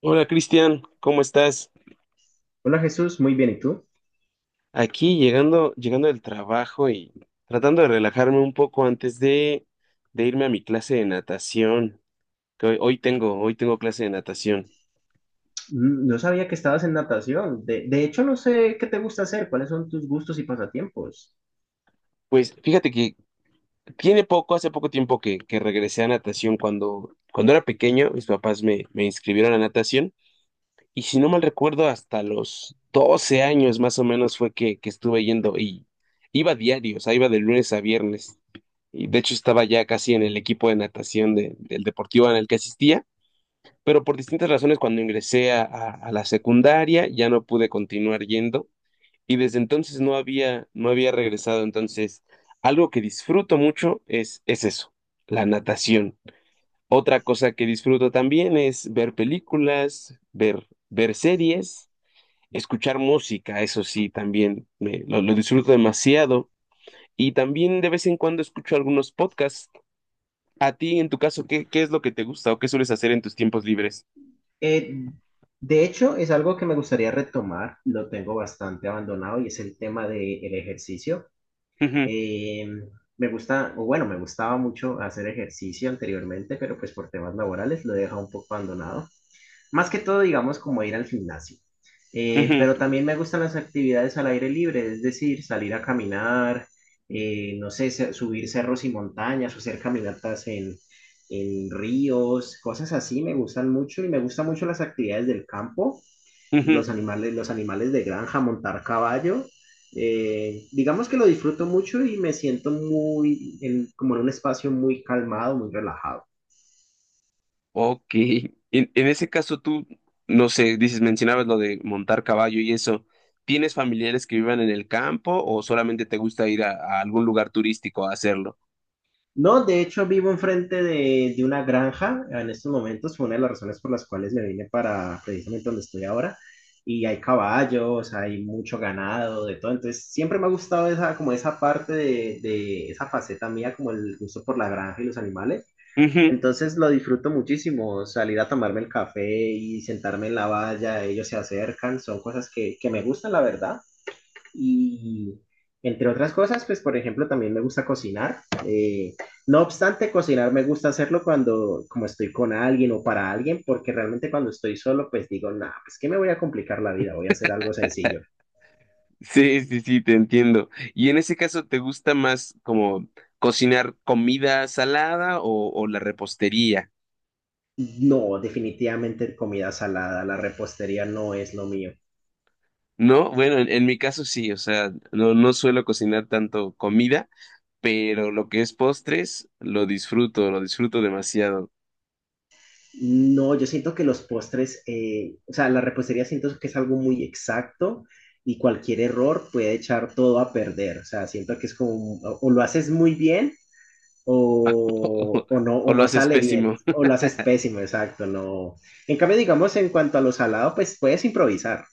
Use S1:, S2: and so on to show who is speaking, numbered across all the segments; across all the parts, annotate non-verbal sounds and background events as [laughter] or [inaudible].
S1: Hola Cristian, ¿cómo estás?
S2: Hola Jesús, muy bien. ¿Y tú?
S1: Aquí llegando del trabajo y tratando de relajarme un poco antes de irme a mi clase de natación, que hoy tengo clase de natación.
S2: No sabía que estabas en natación. De hecho, no sé qué te gusta hacer, cuáles son tus gustos y pasatiempos.
S1: Pues fíjate que tiene poco, hace poco tiempo que regresé a natación cuando era pequeño, mis papás me inscribieron a natación. Y si no mal recuerdo, hasta los 12 años más o menos fue que estuve yendo y iba diario, o sea, iba de lunes a viernes. Y de hecho estaba ya casi en el equipo de natación del deportivo en el que asistía, pero por distintas razones cuando ingresé a la secundaria ya no pude continuar yendo y desde entonces no había regresado. Entonces, algo que disfruto mucho es eso, la natación. Otra cosa que disfruto también es ver películas, ver series, escuchar música. Eso sí, también lo disfruto demasiado. Y también de vez en cuando escucho algunos podcasts. A ti, en tu caso, ¿qué es lo que te gusta o qué sueles hacer en tus tiempos libres?
S2: Eh, de hecho, es algo que me gustaría retomar, lo tengo bastante abandonado y es el tema del ejercicio.
S1: Ujú,
S2: Eh, me gusta, o bueno, me gustaba mucho hacer ejercicio anteriormente, pero pues por temas laborales lo he dejado un poco abandonado. Más que todo, digamos, como ir al gimnasio. Eh,
S1: ujú,
S2: pero también me gustan las actividades al aire libre, es decir, salir a caminar, no sé, subir cerros y montañas o hacer caminatas en, ríos, cosas así me gustan mucho y me gustan mucho las actividades del campo,
S1: ujú.
S2: los animales de granja, montar caballo. Digamos que lo disfruto mucho y me siento muy como en un espacio muy calmado, muy relajado.
S1: Ok. En ese caso, tú, no sé, dices, mencionabas lo de montar caballo y eso. ¿Tienes familiares que vivan en el campo o solamente te gusta ir a algún lugar turístico a hacerlo?
S2: No, de hecho vivo enfrente de, una granja en estos momentos, fue una de las razones por las cuales me vine para precisamente donde estoy ahora, y hay caballos, hay mucho ganado, de todo, entonces siempre me ha gustado esa, como esa parte de esa faceta mía, como el gusto por la granja y los animales, entonces lo disfruto muchísimo, salir a tomarme el café y sentarme en la valla, ellos se acercan, son cosas que me gustan, la verdad, y entre otras cosas, pues por ejemplo, también me gusta cocinar. Eh, no obstante, cocinar me gusta hacerlo cuando como estoy con alguien o para alguien, porque realmente cuando estoy solo, pues digo, nada, pues que me voy a complicar la vida, voy a hacer algo sencillo.
S1: Sí, sí, sí, te entiendo. Y en ese caso, ¿te gusta más como cocinar comida salada o la repostería?
S2: No, definitivamente comida salada, la repostería no es lo mío.
S1: No, bueno, en mi caso sí, o sea, no suelo cocinar tanto comida, pero lo que es postres lo disfruto demasiado.
S2: No, yo siento que los postres, o sea, la repostería siento que es algo muy exacto y cualquier error puede echar todo a perder. O sea, siento que es como, o lo haces muy bien o
S1: [laughs]
S2: no, o
S1: O lo
S2: no
S1: haces
S2: sale bien,
S1: pésimo.
S2: o
S1: [laughs]
S2: lo haces pésimo, exacto, no. En cambio, digamos, en cuanto a lo salado, pues puedes improvisar,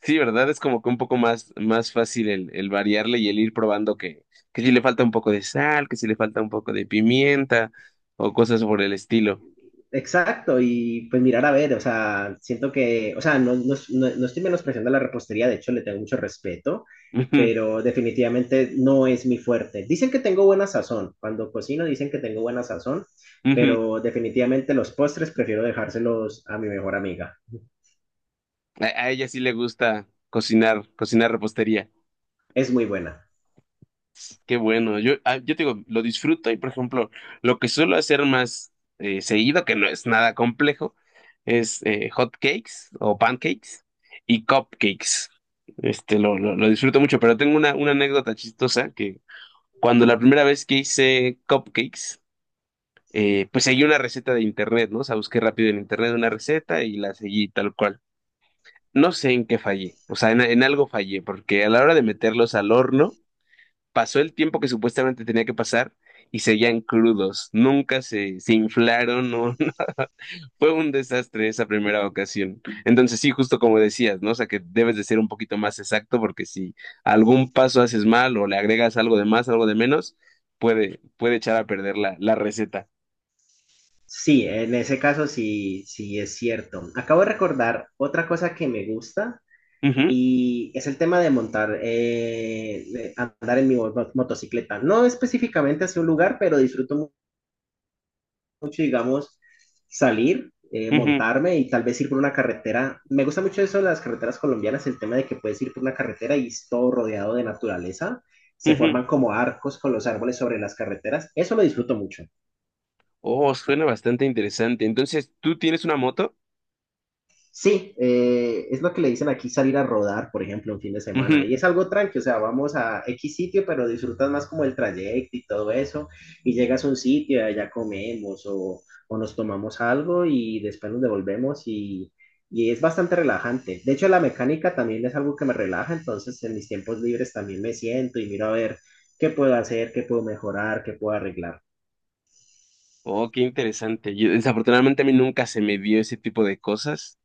S1: Sí, ¿verdad? Es como que un poco más, más fácil el variarle y el ir probando que si le falta un poco de sal, que si le falta un poco de pimienta o cosas por el estilo.
S2: exacto, y pues mirar a ver, o sea, siento que, o sea, no, no, no, no estoy menospreciando la repostería, de hecho, le tengo mucho respeto,
S1: [laughs] Ujú,
S2: pero definitivamente no es mi fuerte. Dicen que tengo buena sazón, cuando cocino dicen que tengo buena sazón,
S1: ujú.
S2: pero definitivamente los postres prefiero dejárselos a mi mejor amiga,
S1: A ella sí le gusta cocinar, cocinar repostería.
S2: es muy buena.
S1: Qué bueno. Yo, ah, yo te digo, lo disfruto y, por ejemplo, lo que suelo hacer más, seguido, que no es nada complejo, es, hot cakes o pancakes y cupcakes. Este, lo disfruto mucho, pero tengo una anécdota chistosa que cuando la primera vez que hice cupcakes, pues seguí una receta de internet, ¿no? O sea, busqué rápido en internet una receta y la seguí tal cual. No sé en qué fallé, o sea, en algo fallé, porque a la hora de meterlos al horno, pasó el tiempo que supuestamente tenía que pasar y seguían crudos, nunca se inflaron, no, [laughs] no, fue un desastre esa primera ocasión. Entonces sí, justo como decías, ¿no? O sea, que debes de ser un poquito más exacto porque si algún paso haces mal o le agregas algo de más, algo de menos, puede echar a perder la, la receta.
S2: Sí, en ese caso sí, sí es cierto. Acabo de recordar otra cosa que me gusta
S1: Ujú,
S2: y es el tema de montar, de andar en mi motocicleta. No específicamente hacia un lugar, pero disfruto mucho, digamos, salir,
S1: ujú,
S2: montarme y tal vez ir por una carretera. Me gusta mucho eso de las carreteras colombianas, el tema de que puedes ir por una carretera y es todo rodeado de naturaleza. Se
S1: ujú.
S2: forman como arcos con los árboles sobre las carreteras. Eso lo disfruto mucho.
S1: Oh, suena bastante interesante. Entonces, ¿tú tienes una moto?
S2: Sí, es lo que le dicen aquí salir a rodar, por ejemplo, un fin de semana. Y es algo tranqui, o sea, vamos a X sitio, pero disfrutas más como el trayecto y todo eso. Y llegas a un sitio, y allá comemos o nos tomamos algo y después nos devolvemos y es bastante relajante. De hecho, la mecánica también es algo que me relaja, entonces en mis tiempos libres también me siento y miro a ver qué puedo hacer, qué puedo mejorar, qué puedo arreglar.
S1: Oh, qué interesante. Yo, desafortunadamente a mí nunca se me dio ese tipo de cosas.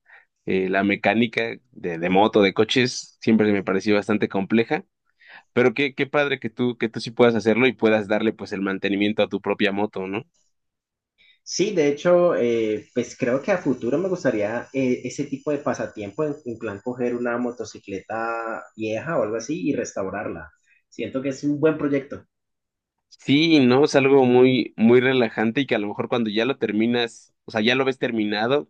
S1: La mecánica de moto, de coches, siempre me pareció bastante compleja. Pero qué, qué padre que tú sí puedas hacerlo y puedas darle pues el mantenimiento a tu propia moto, ¿no?
S2: Sí, de hecho, pues creo que a futuro me gustaría ese tipo de pasatiempo, en, plan coger una motocicleta vieja o algo así y restaurarla. Siento que es un buen proyecto.
S1: Sí, ¿no? Es algo muy, muy relajante y que a lo mejor cuando ya lo terminas, o sea, ya lo ves terminado,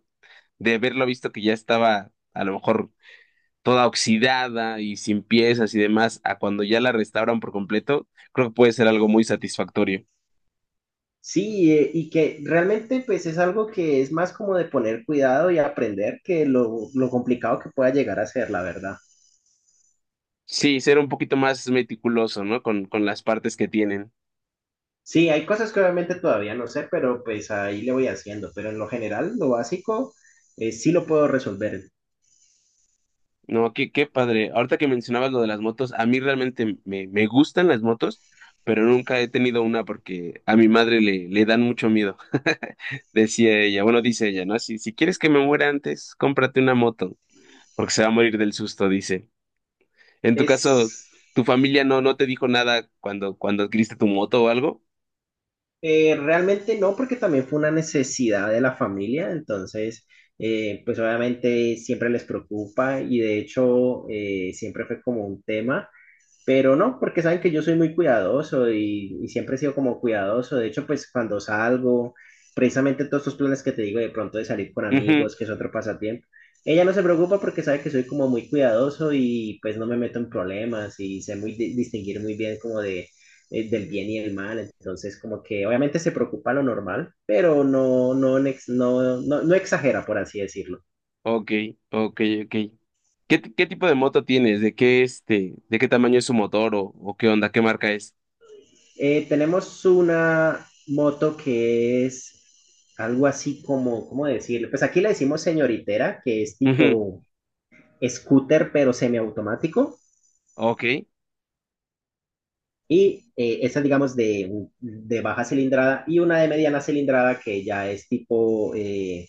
S1: de haberlo visto que ya estaba a lo mejor toda oxidada y sin piezas y demás, a cuando ya la restauran por completo, creo que puede ser algo muy satisfactorio.
S2: Sí, y que realmente pues es algo que es más como de poner cuidado y aprender que lo complicado que pueda llegar a ser, la verdad.
S1: Sí, ser un poquito más meticuloso, ¿no? Con las partes que tienen.
S2: Sí, hay cosas que obviamente todavía no sé, pero pues ahí le voy haciendo, pero en lo general, lo básico, sí lo puedo resolver.
S1: No, qué, qué padre. Ahorita que mencionabas lo de las motos, a mí realmente me, me gustan las motos, pero nunca he tenido una porque a mi madre le dan mucho miedo. [laughs] Decía ella, bueno, dice ella, ¿no? Si, si quieres que me muera antes, cómprate una moto, porque se va a morir del susto, dice. En tu caso,
S2: Es
S1: ¿tu familia no, no te dijo nada cuando adquiriste tu moto o algo?
S2: Realmente no, porque también fue una necesidad de la familia, entonces, pues obviamente siempre les preocupa y de hecho siempre fue como un tema. Pero no, porque saben que yo soy muy cuidadoso y siempre he sido como cuidadoso. De hecho, pues cuando salgo, precisamente todos estos planes que te digo de pronto de salir con
S1: [laughs]
S2: amigos, que es otro pasatiempo, ella no se preocupa porque sabe que soy como muy cuidadoso y pues no me meto en problemas y sé muy distinguir muy bien como de del bien y el mal. Entonces, como que obviamente se preocupa lo normal, pero no, no, no, no, no exagera, por así decirlo.
S1: Ok, ok, ok. ¿Qué, t- qué tipo de moto tienes? ¿De qué este, de qué tamaño es su motor o qué onda, qué marca es?
S2: Tenemos una moto que es algo así como, ¿cómo decirlo? Pues aquí le decimos señoritera, que es
S1: Ujú,
S2: tipo scooter, pero semiautomático.
S1: ok,
S2: Y esa, es, digamos, de, baja cilindrada y una de mediana cilindrada que ya es tipo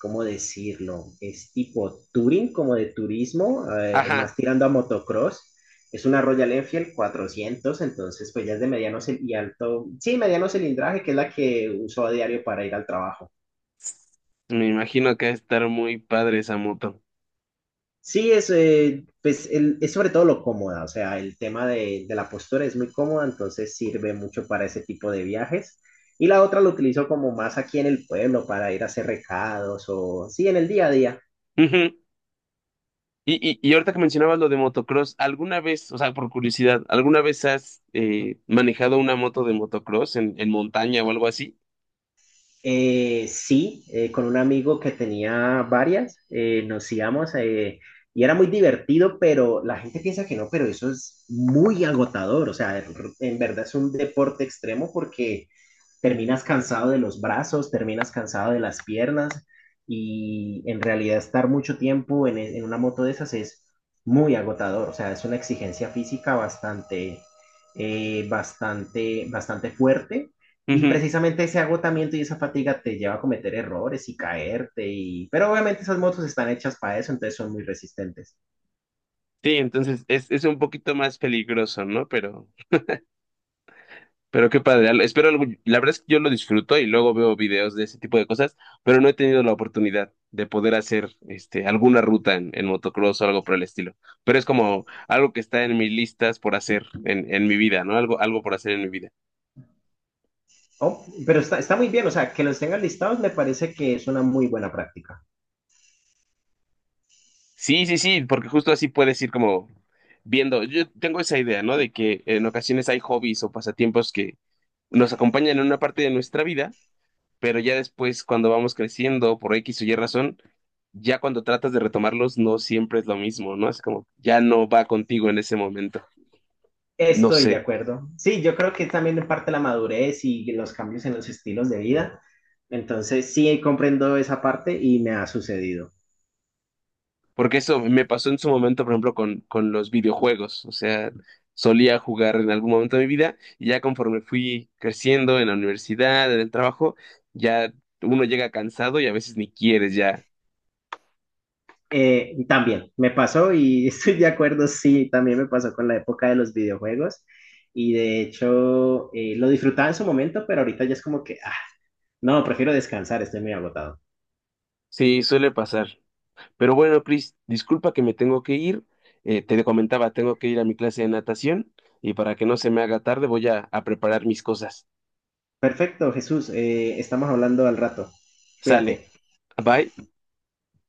S2: ¿cómo decirlo? Es tipo touring, como de turismo,
S1: ajá.
S2: más tirando a motocross. Es una Royal Enfield 400, entonces pues ya es de mediano y alto, sí, mediano cilindraje, que es la que uso a diario para ir al trabajo.
S1: Me imagino que va a estar muy padre esa moto.
S2: Sí, es, pues, es sobre todo lo cómoda, o sea, el tema de la postura es muy cómoda, entonces sirve mucho para ese tipo de viajes. Y la otra lo utilizo como más aquí en el pueblo para ir a hacer recados o, sí, en el día a día.
S1: Ujú. Y ahorita que mencionabas lo de motocross, ¿alguna vez, o sea, por curiosidad, alguna vez has, manejado una moto de motocross en montaña o algo así?
S2: Sí, con un amigo que tenía varias, nos íbamos y era muy divertido, pero la gente piensa que no, pero eso es muy agotador, o sea, en verdad es un deporte extremo porque terminas cansado de los brazos, terminas cansado de las piernas y en realidad estar mucho tiempo en, en una moto de esas es muy agotador, o sea, es una exigencia física bastante, bastante, bastante fuerte y
S1: Ujú.
S2: precisamente ese agotamiento y esa fatiga te lleva a cometer errores y caerte y pero obviamente esas motos están hechas para eso entonces son muy resistentes.
S1: Sí, entonces es un poquito más peligroso, ¿no? Pero qué padre, al- espero algo- la verdad es que yo lo disfruto y luego veo videos de ese tipo de cosas, pero no he tenido la oportunidad de poder hacer este alguna ruta en motocross o algo por el estilo. Pero es como algo que está en mis listas por hacer en mi vida, ¿no? Algo, algo por hacer en mi vida.
S2: Oh, pero está, está muy bien o sea que los tengan listados me parece que es una muy buena práctica.
S1: Sí, sí, sí, porque justo así puedes ir como viendo. Yo tengo esa idea, ¿no? De que en ocasiones hay hobbies o pasatiempos que nos acompañan en una parte de nuestra vida, pero ya después cuando vamos creciendo por X o Y razón, ya cuando tratas de retomarlos no siempre es lo mismo, ¿no? Es como ya no va contigo en ese momento, no
S2: Estoy de
S1: sé,
S2: acuerdo. Sí, yo creo que también en parte la madurez y los cambios en los estilos de vida. Entonces, sí, comprendo esa parte y me ha sucedido.
S1: porque eso me pasó en su momento, por ejemplo, con los videojuegos, o sea, solía jugar en algún momento de mi vida y ya conforme fui creciendo en la universidad, en el trabajo, ya uno llega cansado y a veces ni quieres ya.
S2: También me pasó y [laughs] estoy de acuerdo, sí, también me pasó con la época de los videojuegos y de hecho lo disfrutaba en su momento, pero ahorita ya es como que, ah, no, prefiero descansar, estoy muy agotado.
S1: Sí, suele pasar. Pero bueno, Cris, disculpa que me tengo que ir. Te comentaba, tengo que ir a mi clase de natación y para que no se me haga tarde voy a preparar mis cosas.
S2: Perfecto, Jesús, estamos hablando al rato.
S1: Sale.
S2: Cuídate.
S1: Bye.